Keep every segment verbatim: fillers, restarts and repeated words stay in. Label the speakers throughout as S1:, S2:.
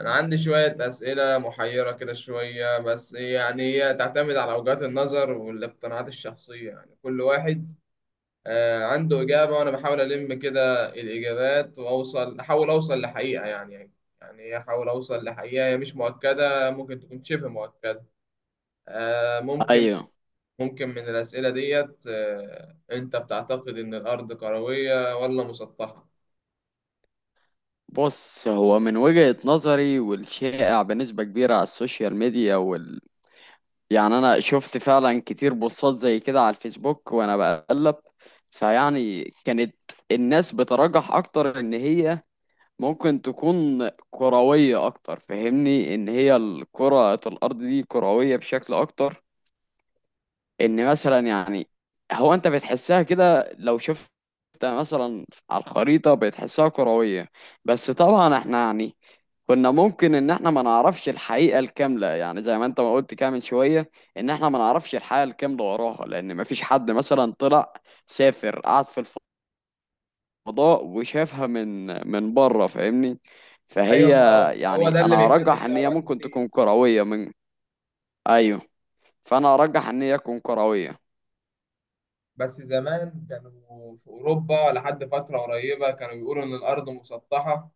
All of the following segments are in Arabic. S1: أنا عندي شوية أسئلة محيرة كده شوية، بس يعني هي تعتمد على وجهات النظر والاقتناعات الشخصية. يعني كل واحد آه، عنده إجابة، وأنا بحاول ألم كده الإجابات وأوصل، أحاول أوصل لحقيقة يعني. يعني أحاول أوصل لحقيقة هي مش مؤكدة، ممكن تكون شبه مؤكدة. آه، ممكن.
S2: ايوه،
S1: ممكن من الأسئلة ديت، آه، أنت بتعتقد إن الأرض كروية ولا مسطحة؟
S2: بص، هو من وجهة نظري والشائع بنسبة كبيرة على السوشيال ميديا وال... يعني انا شفت فعلا كتير بوستات زي كده على الفيسبوك وانا بقلب. فيعني كانت الناس بترجح اكتر ان هي ممكن تكون كروية اكتر، فاهمني ان هي الكرة الارض دي كروية بشكل اكتر، ان مثلا يعني هو انت بتحسها كده لو شفت مثلا على الخريطة بتحسها كروية. بس طبعا احنا يعني كنا ممكن ان احنا ما نعرفش الحقيقة الكاملة، يعني زي ما انت ما قلت كده من شوية ان احنا ما نعرفش الحقيقة الكاملة وراها، لان ما فيش حد مثلا طلع سافر قعد في الفضاء وشافها من من بره، فاهمني. فهي
S1: أيوة، ما هو هو
S2: يعني
S1: ده اللي
S2: انا
S1: بيخلي
S2: ارجح
S1: فيه
S2: ان هي
S1: آراء
S2: ممكن
S1: كتير.
S2: تكون كروية من. ايوه، فانا ارجح ان هي تكون كروية.
S1: بس زمان كانوا في أوروبا لحد فترة قريبة كانوا بيقولوا إن الأرض مسطحة.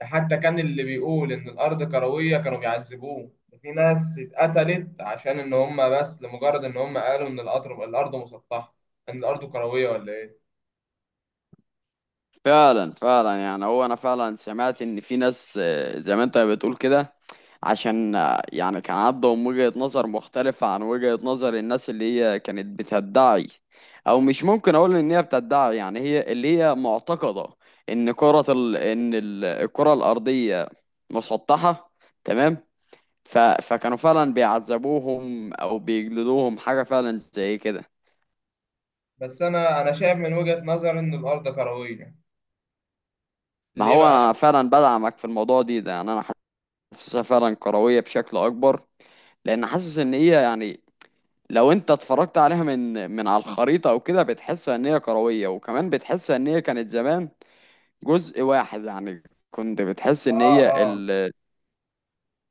S1: ده حتى كان اللي بيقول إن الأرض كروية كانوا بيعذبوه. في ناس اتقتلت عشان إن هم، بس لمجرد إن هم قالوا إن القطر الأرض مسطحة، إن الأرض كروية ولا إيه.
S2: فعلا فعلا، يعني هو انا فعلا سمعت ان في ناس، آه، زي ما انت بتقول كده، عشان آه، يعني كان عندهم وجهة نظر مختلفة عن وجهة نظر الناس اللي هي كانت بتدعي، او مش ممكن اقول ان هي بتدعي، يعني هي اللي هي معتقدة ان كرة ال... ان ال- الكرة الارضية مسطحة. تمام. ف... فكانوا فعلا بيعذبوهم او بيجلدوهم حاجة فعلا زي كده.
S1: بس أنا أنا شايف من وجهة نظري إن الأرض كروية.
S2: ما
S1: ليه
S2: هو
S1: بقى؟
S2: انا فعلا بدعمك في الموضوع دي ده يعني انا حاسسها فعلا كروية بشكل اكبر، لان حاسس ان هي يعني لو انت اتفرجت عليها من من على الخريطه او كده بتحس ان هي كرويه، وكمان بتحس ان هي كانت زمان جزء واحد. يعني كنت بتحس ان
S1: آه.
S2: هي
S1: آه.
S2: ال...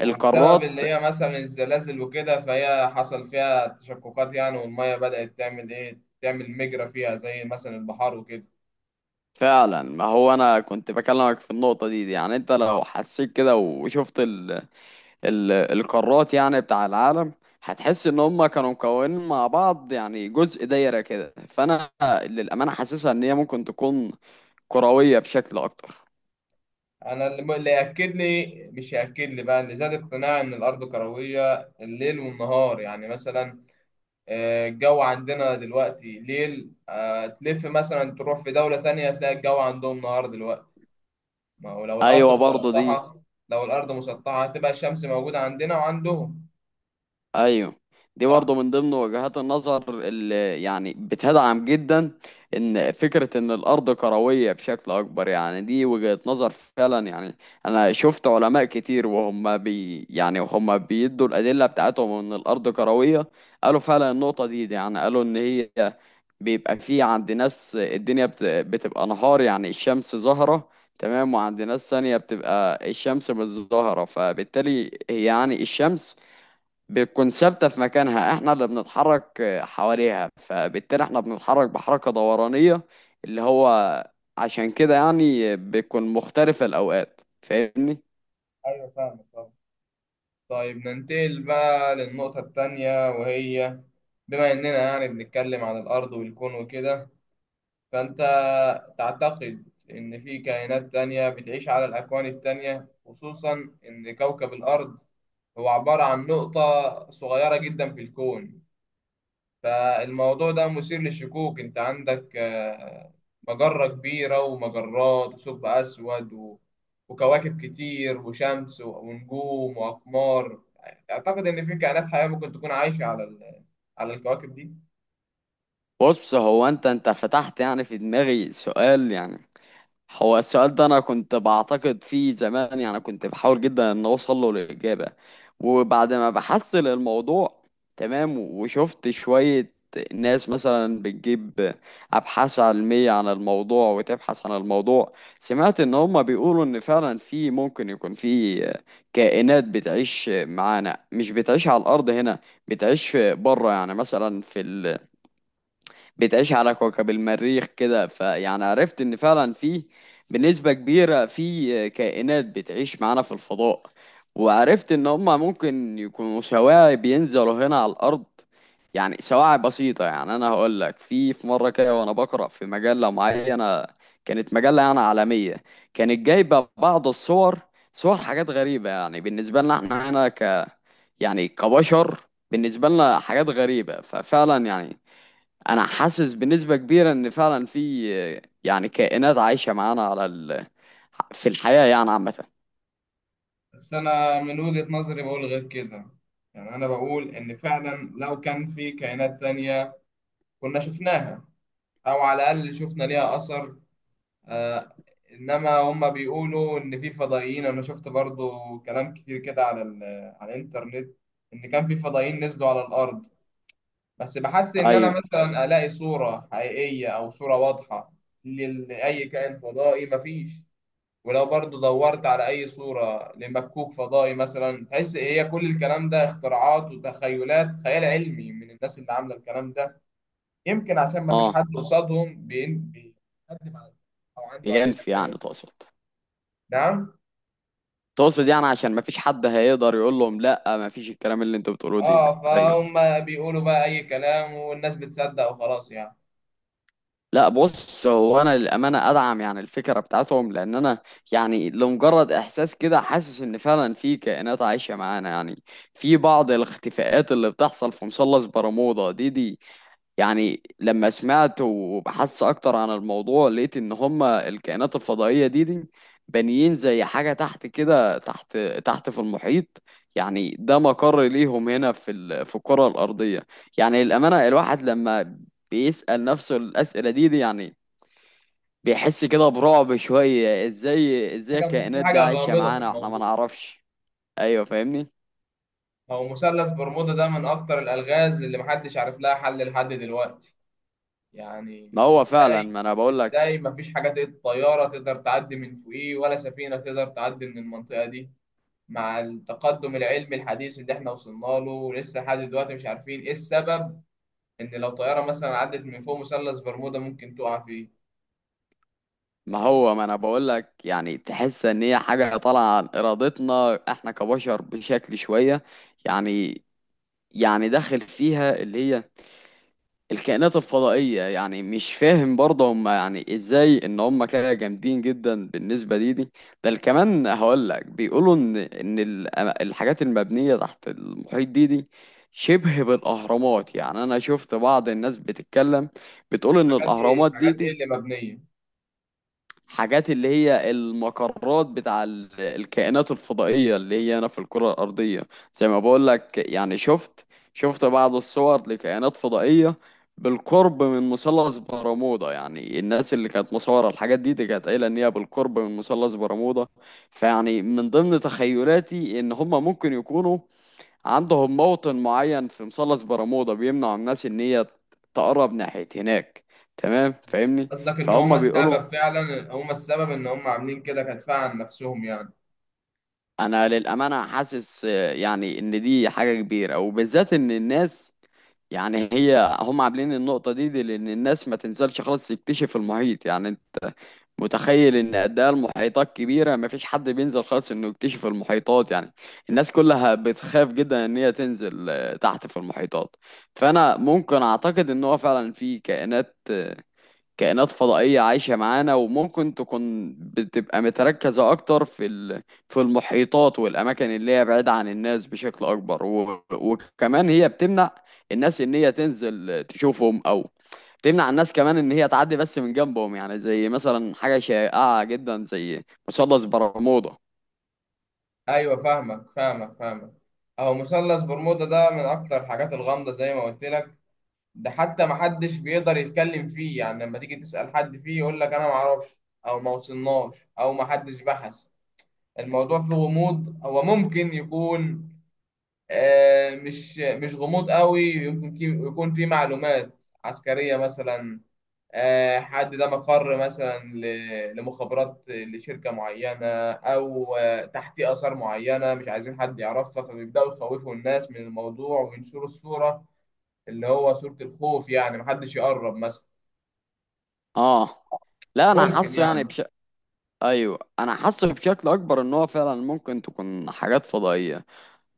S1: وبسبب
S2: القارات
S1: اللي هي مثلا الزلازل وكده، فهي حصل فيها تشققات يعني، والمية بدأت تعمل إيه؟ تعمل مجرى فيها زي مثلا البحار وكده.
S2: فعلا ما هو انا كنت بكلمك في النقطه دي, دي يعني انت لو حسيت كده وشفت ال... ال... القارات يعني بتاع العالم، هتحس ان هم كانوا مكونين مع بعض، يعني جزء دايره كده. فانا للامانه حاسسها ان هي ممكن تكون كرويه بشكل اكتر.
S1: انا اللي اللي ياكد لي، مش ياكد لي بقى، اللي زاد اقتناعي ان الارض كرويه الليل والنهار. يعني مثلا آه، الجو عندنا دلوقتي ليل، آه، تلف مثلا تروح في دوله تانية تلاقي الجو عندهم نهار دلوقتي. ما هو لو الارض
S2: ايوه برضه دي.
S1: مسطحه، لو الارض مسطحه هتبقى الشمس موجوده عندنا وعندهم.
S2: ايوه، دي برضه
S1: صح.
S2: من ضمن وجهات النظر اللي يعني بتدعم جدا ان فكره ان الارض كرويه بشكل اكبر. يعني دي وجهه نظر فعلا، يعني انا شفت علماء كتير وهم بي يعني وهم بيدوا الادله بتاعتهم ان الارض كرويه. قالوا فعلا النقطه دي, دي يعني قالوا ان هي بيبقى في عند ناس الدنيا بت- بتبقى نهار، يعني الشمس ظاهرة. تمام. وعند ناس ثانية بتبقى الشمس مش ظاهرة، فبالتالي هي يعني الشمس بتكون ثابتة في مكانها، احنا اللي بنتحرك آه، حواليها، فبالتالي احنا بنتحرك بحركة دورانية اللي هو عشان كده يعني بتكون مختلفة الأوقات، فاهمني؟
S1: ايوه فاهم طبعا. طيب ننتقل بقى للنقطه التانية، وهي بما اننا يعني بنتكلم عن الارض والكون وكده، فأنت تعتقد إن في كائنات تانية بتعيش على الأكوان التانية؟ خصوصا إن كوكب الأرض هو عبارة عن نقطة صغيرة جدا في الكون. فالموضوع ده مثير للشكوك. أنت عندك آه، مجرة كبيرة ومجرات وثقب أسود و... وكواكب كتير وشمس و- ونجوم وأقمار. أعتقد إن في كائنات حية ممكن تكون عايشة على ال... على الكواكب دي.
S2: بص، هو انت انت فتحت يعني في دماغي سؤال. يعني هو السؤال ده انا كنت بعتقد فيه زمان، يعني كنت بحاول جدا ان اوصل له الاجابه، وبعد ما بحصل الموضوع، تمام، وشفت شويه ناس مثلا بتجيب ابحاث علميه عن الموضوع وتبحث عن الموضوع، سمعت ان هم بيقولوا ان فعلا في، ممكن يكون في كائنات بتعيش معانا مش بتعيش على الارض هنا. بتعيش بره، يعني مثلا في، بتعيش على كوكب المريخ كده. فيعني عرفت ان فعلا في بنسبة كبيرة في كائنات بتعيش معانا في الفضاء. وعرفت ان هما ممكن يكونوا سواعي بينزلوا هنا على الارض، يعني سواعي بسيطة. يعني انا هقول لك في في مرة كده وانا بقرأ في مجلة معينة، كانت مجلة يعني عالمية، كانت جايبة بعض الصور، صور حاجات غريبة يعني بالنسبة لنا احنا هنا، ك يعني كبشر بالنسبة لنا حاجات غريبة. ففعلا يعني انا حاسس بنسبة كبيرة ان فعلا في، آه، يعني كائنات عايشة معانا على ال... في الحياة يعني عامة.
S1: بس أنا من وجهة نظري بقول غير كده. يعني أنا بقول إن فعلا لو كان في كائنات تانية كنا شفناها، أو على الأقل شفنا ليها أثر. آه. إنما هما بيقولوا إن في فضائيين. أنا شفت برضو كلام كتير كده على ال- على الإنترنت إن كان في فضائيين نزلوا على الأرض، بس بحس إن أنا
S2: ايوه.
S1: مثلا ألاقي صورة حقيقية أو صورة واضحة لل- لأي كائن فضائي مفيش. ولو برضو دورت على أي صورة لمكوك فضائي مثلا تحس إيه، هي كل الكلام ده اختراعات وتخيلات، خيال علمي من الناس اللي عاملة الكلام ده. يمكن عشان ما فيش حد
S2: اه.
S1: قصادهم بين- بيقدم على، أو عنده أدلة
S2: ينفي
S1: تانية.
S2: يعني تقصد؟
S1: نعم.
S2: تقصد يعني عشان ما فيش حد هيقدر يقول لهم لا ما فيش الكلام اللي انتوا بتقولوه دي ده
S1: اه،
S2: ايوه.
S1: فهم بيقولوا بقى أي كلام والناس بتصدق وخلاص يعني.
S2: لا، بص، هو انا للامانه ادعم يعني الفكره بتاعتهم، لان انا يعني لمجرد احساس كده حاسس ان فعلا في كائنات عايشه معانا. يعني في بعض الاختفاءات اللي بتحصل في مثلث برمودا دي دي، يعني لما سمعت وبحثت اكتر عن الموضوع لقيت ان هما الكائنات الفضائية دي دي بانيين زي حاجة تحت كده تحت تحت في المحيط. يعني ده مقر ليهم هنا في ال... في الكرة الأرضية. يعني الأمانة، الواحد لما بيسأل نفسه الأسئلة دي, دي يعني بيحس كده برعب شوية، ازاي ازاي
S1: حاجة م- في
S2: الكائنات دي
S1: حاجة
S2: عايشة
S1: غامضة في
S2: معانا واحنا ما
S1: الموضوع.
S2: نعرفش؟ ايوه فاهمني.
S1: هو مثلث برمودا ده من أكتر الألغاز اللي محدش عارف لها حل لحد دلوقتي.
S2: ما
S1: يعني
S2: هو فعلا
S1: ازاي،
S2: ما انا بقول لك.
S1: ازاي مفيش حاجة تق- طيارة تقدر تعدي من فوقيه ولا سفينة تقدر تعدي من المنطقة دي، مع التقدم العلمي الحديث اللي احنا وصلنا له؟ ولسه لحد دلوقتي مش عارفين ايه السبب ان لو طيارة مثلا عدت من فوق مثلث برمودا ممكن تقع فيه.
S2: ما
S1: آه،
S2: هو ما انا بقول لك يعني تحس ان هي حاجه طالعه عن ارادتنا احنا كبشر بشكل شويه. يعني، يعني داخل فيها اللي هي الكائنات الفضائيه، يعني مش فاهم برضه هم يعني ازاي ان هم كده جامدين جدا بالنسبه دي دي. بل كمان هقول لك بيقولوا ان ان ال- الحاجات المبنيه تحت المحيط دي دي شبه بالاهرامات. يعني انا شفت بعض الناس بتتكلم بتقول ان
S1: حاجات ايه،
S2: الاهرامات دي
S1: حاجات ايه
S2: دي
S1: اللي مبنية؟
S2: حاجات اللي هي المقرات بتاع ال- الكائنات الفضائية اللي هي هنا في الكرة الأرضية. زي ما بقول لك، يعني شفت شفت بعض الصور لكائنات فضائية بالقرب من مثلث برمودا، يعني الناس اللي كانت مصورة الحاجات دي دي كانت قايلة إن هي بالقرب من مثلث برمودا. فيعني من ضمن تخيلاتي إن هما ممكن يكونوا عندهم موطن معين في مثلث برمودا بيمنع الناس إن هي تقرب ناحية هناك. تمام فاهمني.
S1: قصدك ان هم
S2: فهم بيقولوا،
S1: السبب، فعلا هم السبب ان هم عاملين كده كدفاع عن نفسهم يعني.
S2: انا للامانه حاسس آه، يعني ان دي حاجه كبيره، وبالذات ان الناس يعني هي هم عاملين النقطه دي, دي لان الناس ما تنزلش خالص تكتشف المحيط. يعني انت متخيل ان قد ايه المحيطات كبيره، ما فيش حد بينزل خالص انه يكتشف المحيطات. يعني الناس كلها بتخاف جدا ان هي تنزل آه، تحت في المحيطات. فانا ممكن اعتقد ان هو فعلا في كائنات، كائنات فضائية عايشة معانا، وممكن تكون بتبقى متركزة أكتر في ال- في المحيطات والأماكن اللي هي بعيدة عن الناس بشكل أكبر، و- وكمان هي بتمنع الناس إن هي تنزل تشوفهم، أو تمنع الناس كمان إن هي تعدي بس من جنبهم، يعني زي مثلا حاجة شائعة جدا زي مثلث برمودا.
S1: ايوه فاهمك فاهمك فاهمك. اهو مثلث برمودا ده من اكتر الحاجات الغامضة زي ما قلت لك. ده حتى ما حدش بيقدر يتكلم فيه، يعني لما تيجي تسأل حد فيه يقول لك انا ما اعرفش، او ما وصلناش، او ما حدش بحث. الموضوع فيه غموض. هو ممكن يكون آه، مش مش غموض قوي، يمكن كي- يكون فيه معلومات عسكرية مثلا، آه، حد ده مقر مثلا ل- لمخابرات لشركة معينة، أو آه، تحتيه آثار معينة مش عايزين حد يعرفها، فبيبدأوا يخوفوا الناس من الموضوع وينشروا الصورة اللي هو صورة الخوف، يعني محدش يقرب مثلا.
S2: آه. لا، أنا
S1: ممكن
S2: حاسه يعني
S1: يعني.
S2: بش... أيوه أنا حاسه بشكل أكبر إن هو فعلا ممكن تكون حاجات فضائية.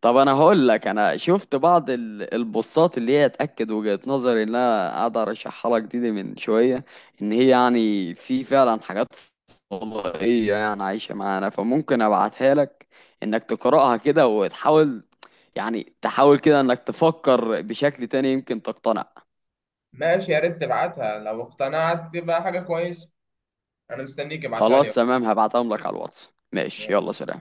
S2: طب انا هقول لك، انا شفت بعض ال- البوستات اللي هي تاكد وجهة نظري اللي انا قاعد ارشحها لك دي, دي من شويه، ان هي يعني في فعلا حاجات فضائيه يعني عايشه معانا. فممكن ابعتها لك انك تقراها كده وتحاول، يعني تحاول كده انك تفكر بشكل تاني يمكن تقتنع.
S1: ماشي، يا ريت تبعتها، لو اقتنعت تبقى حاجة كويسة. أنا مستنيك ابعتها لي.
S2: خلاص تمام، هبعتهم لك على الواتس. ماشي،
S1: ماشي.
S2: يلا سلام.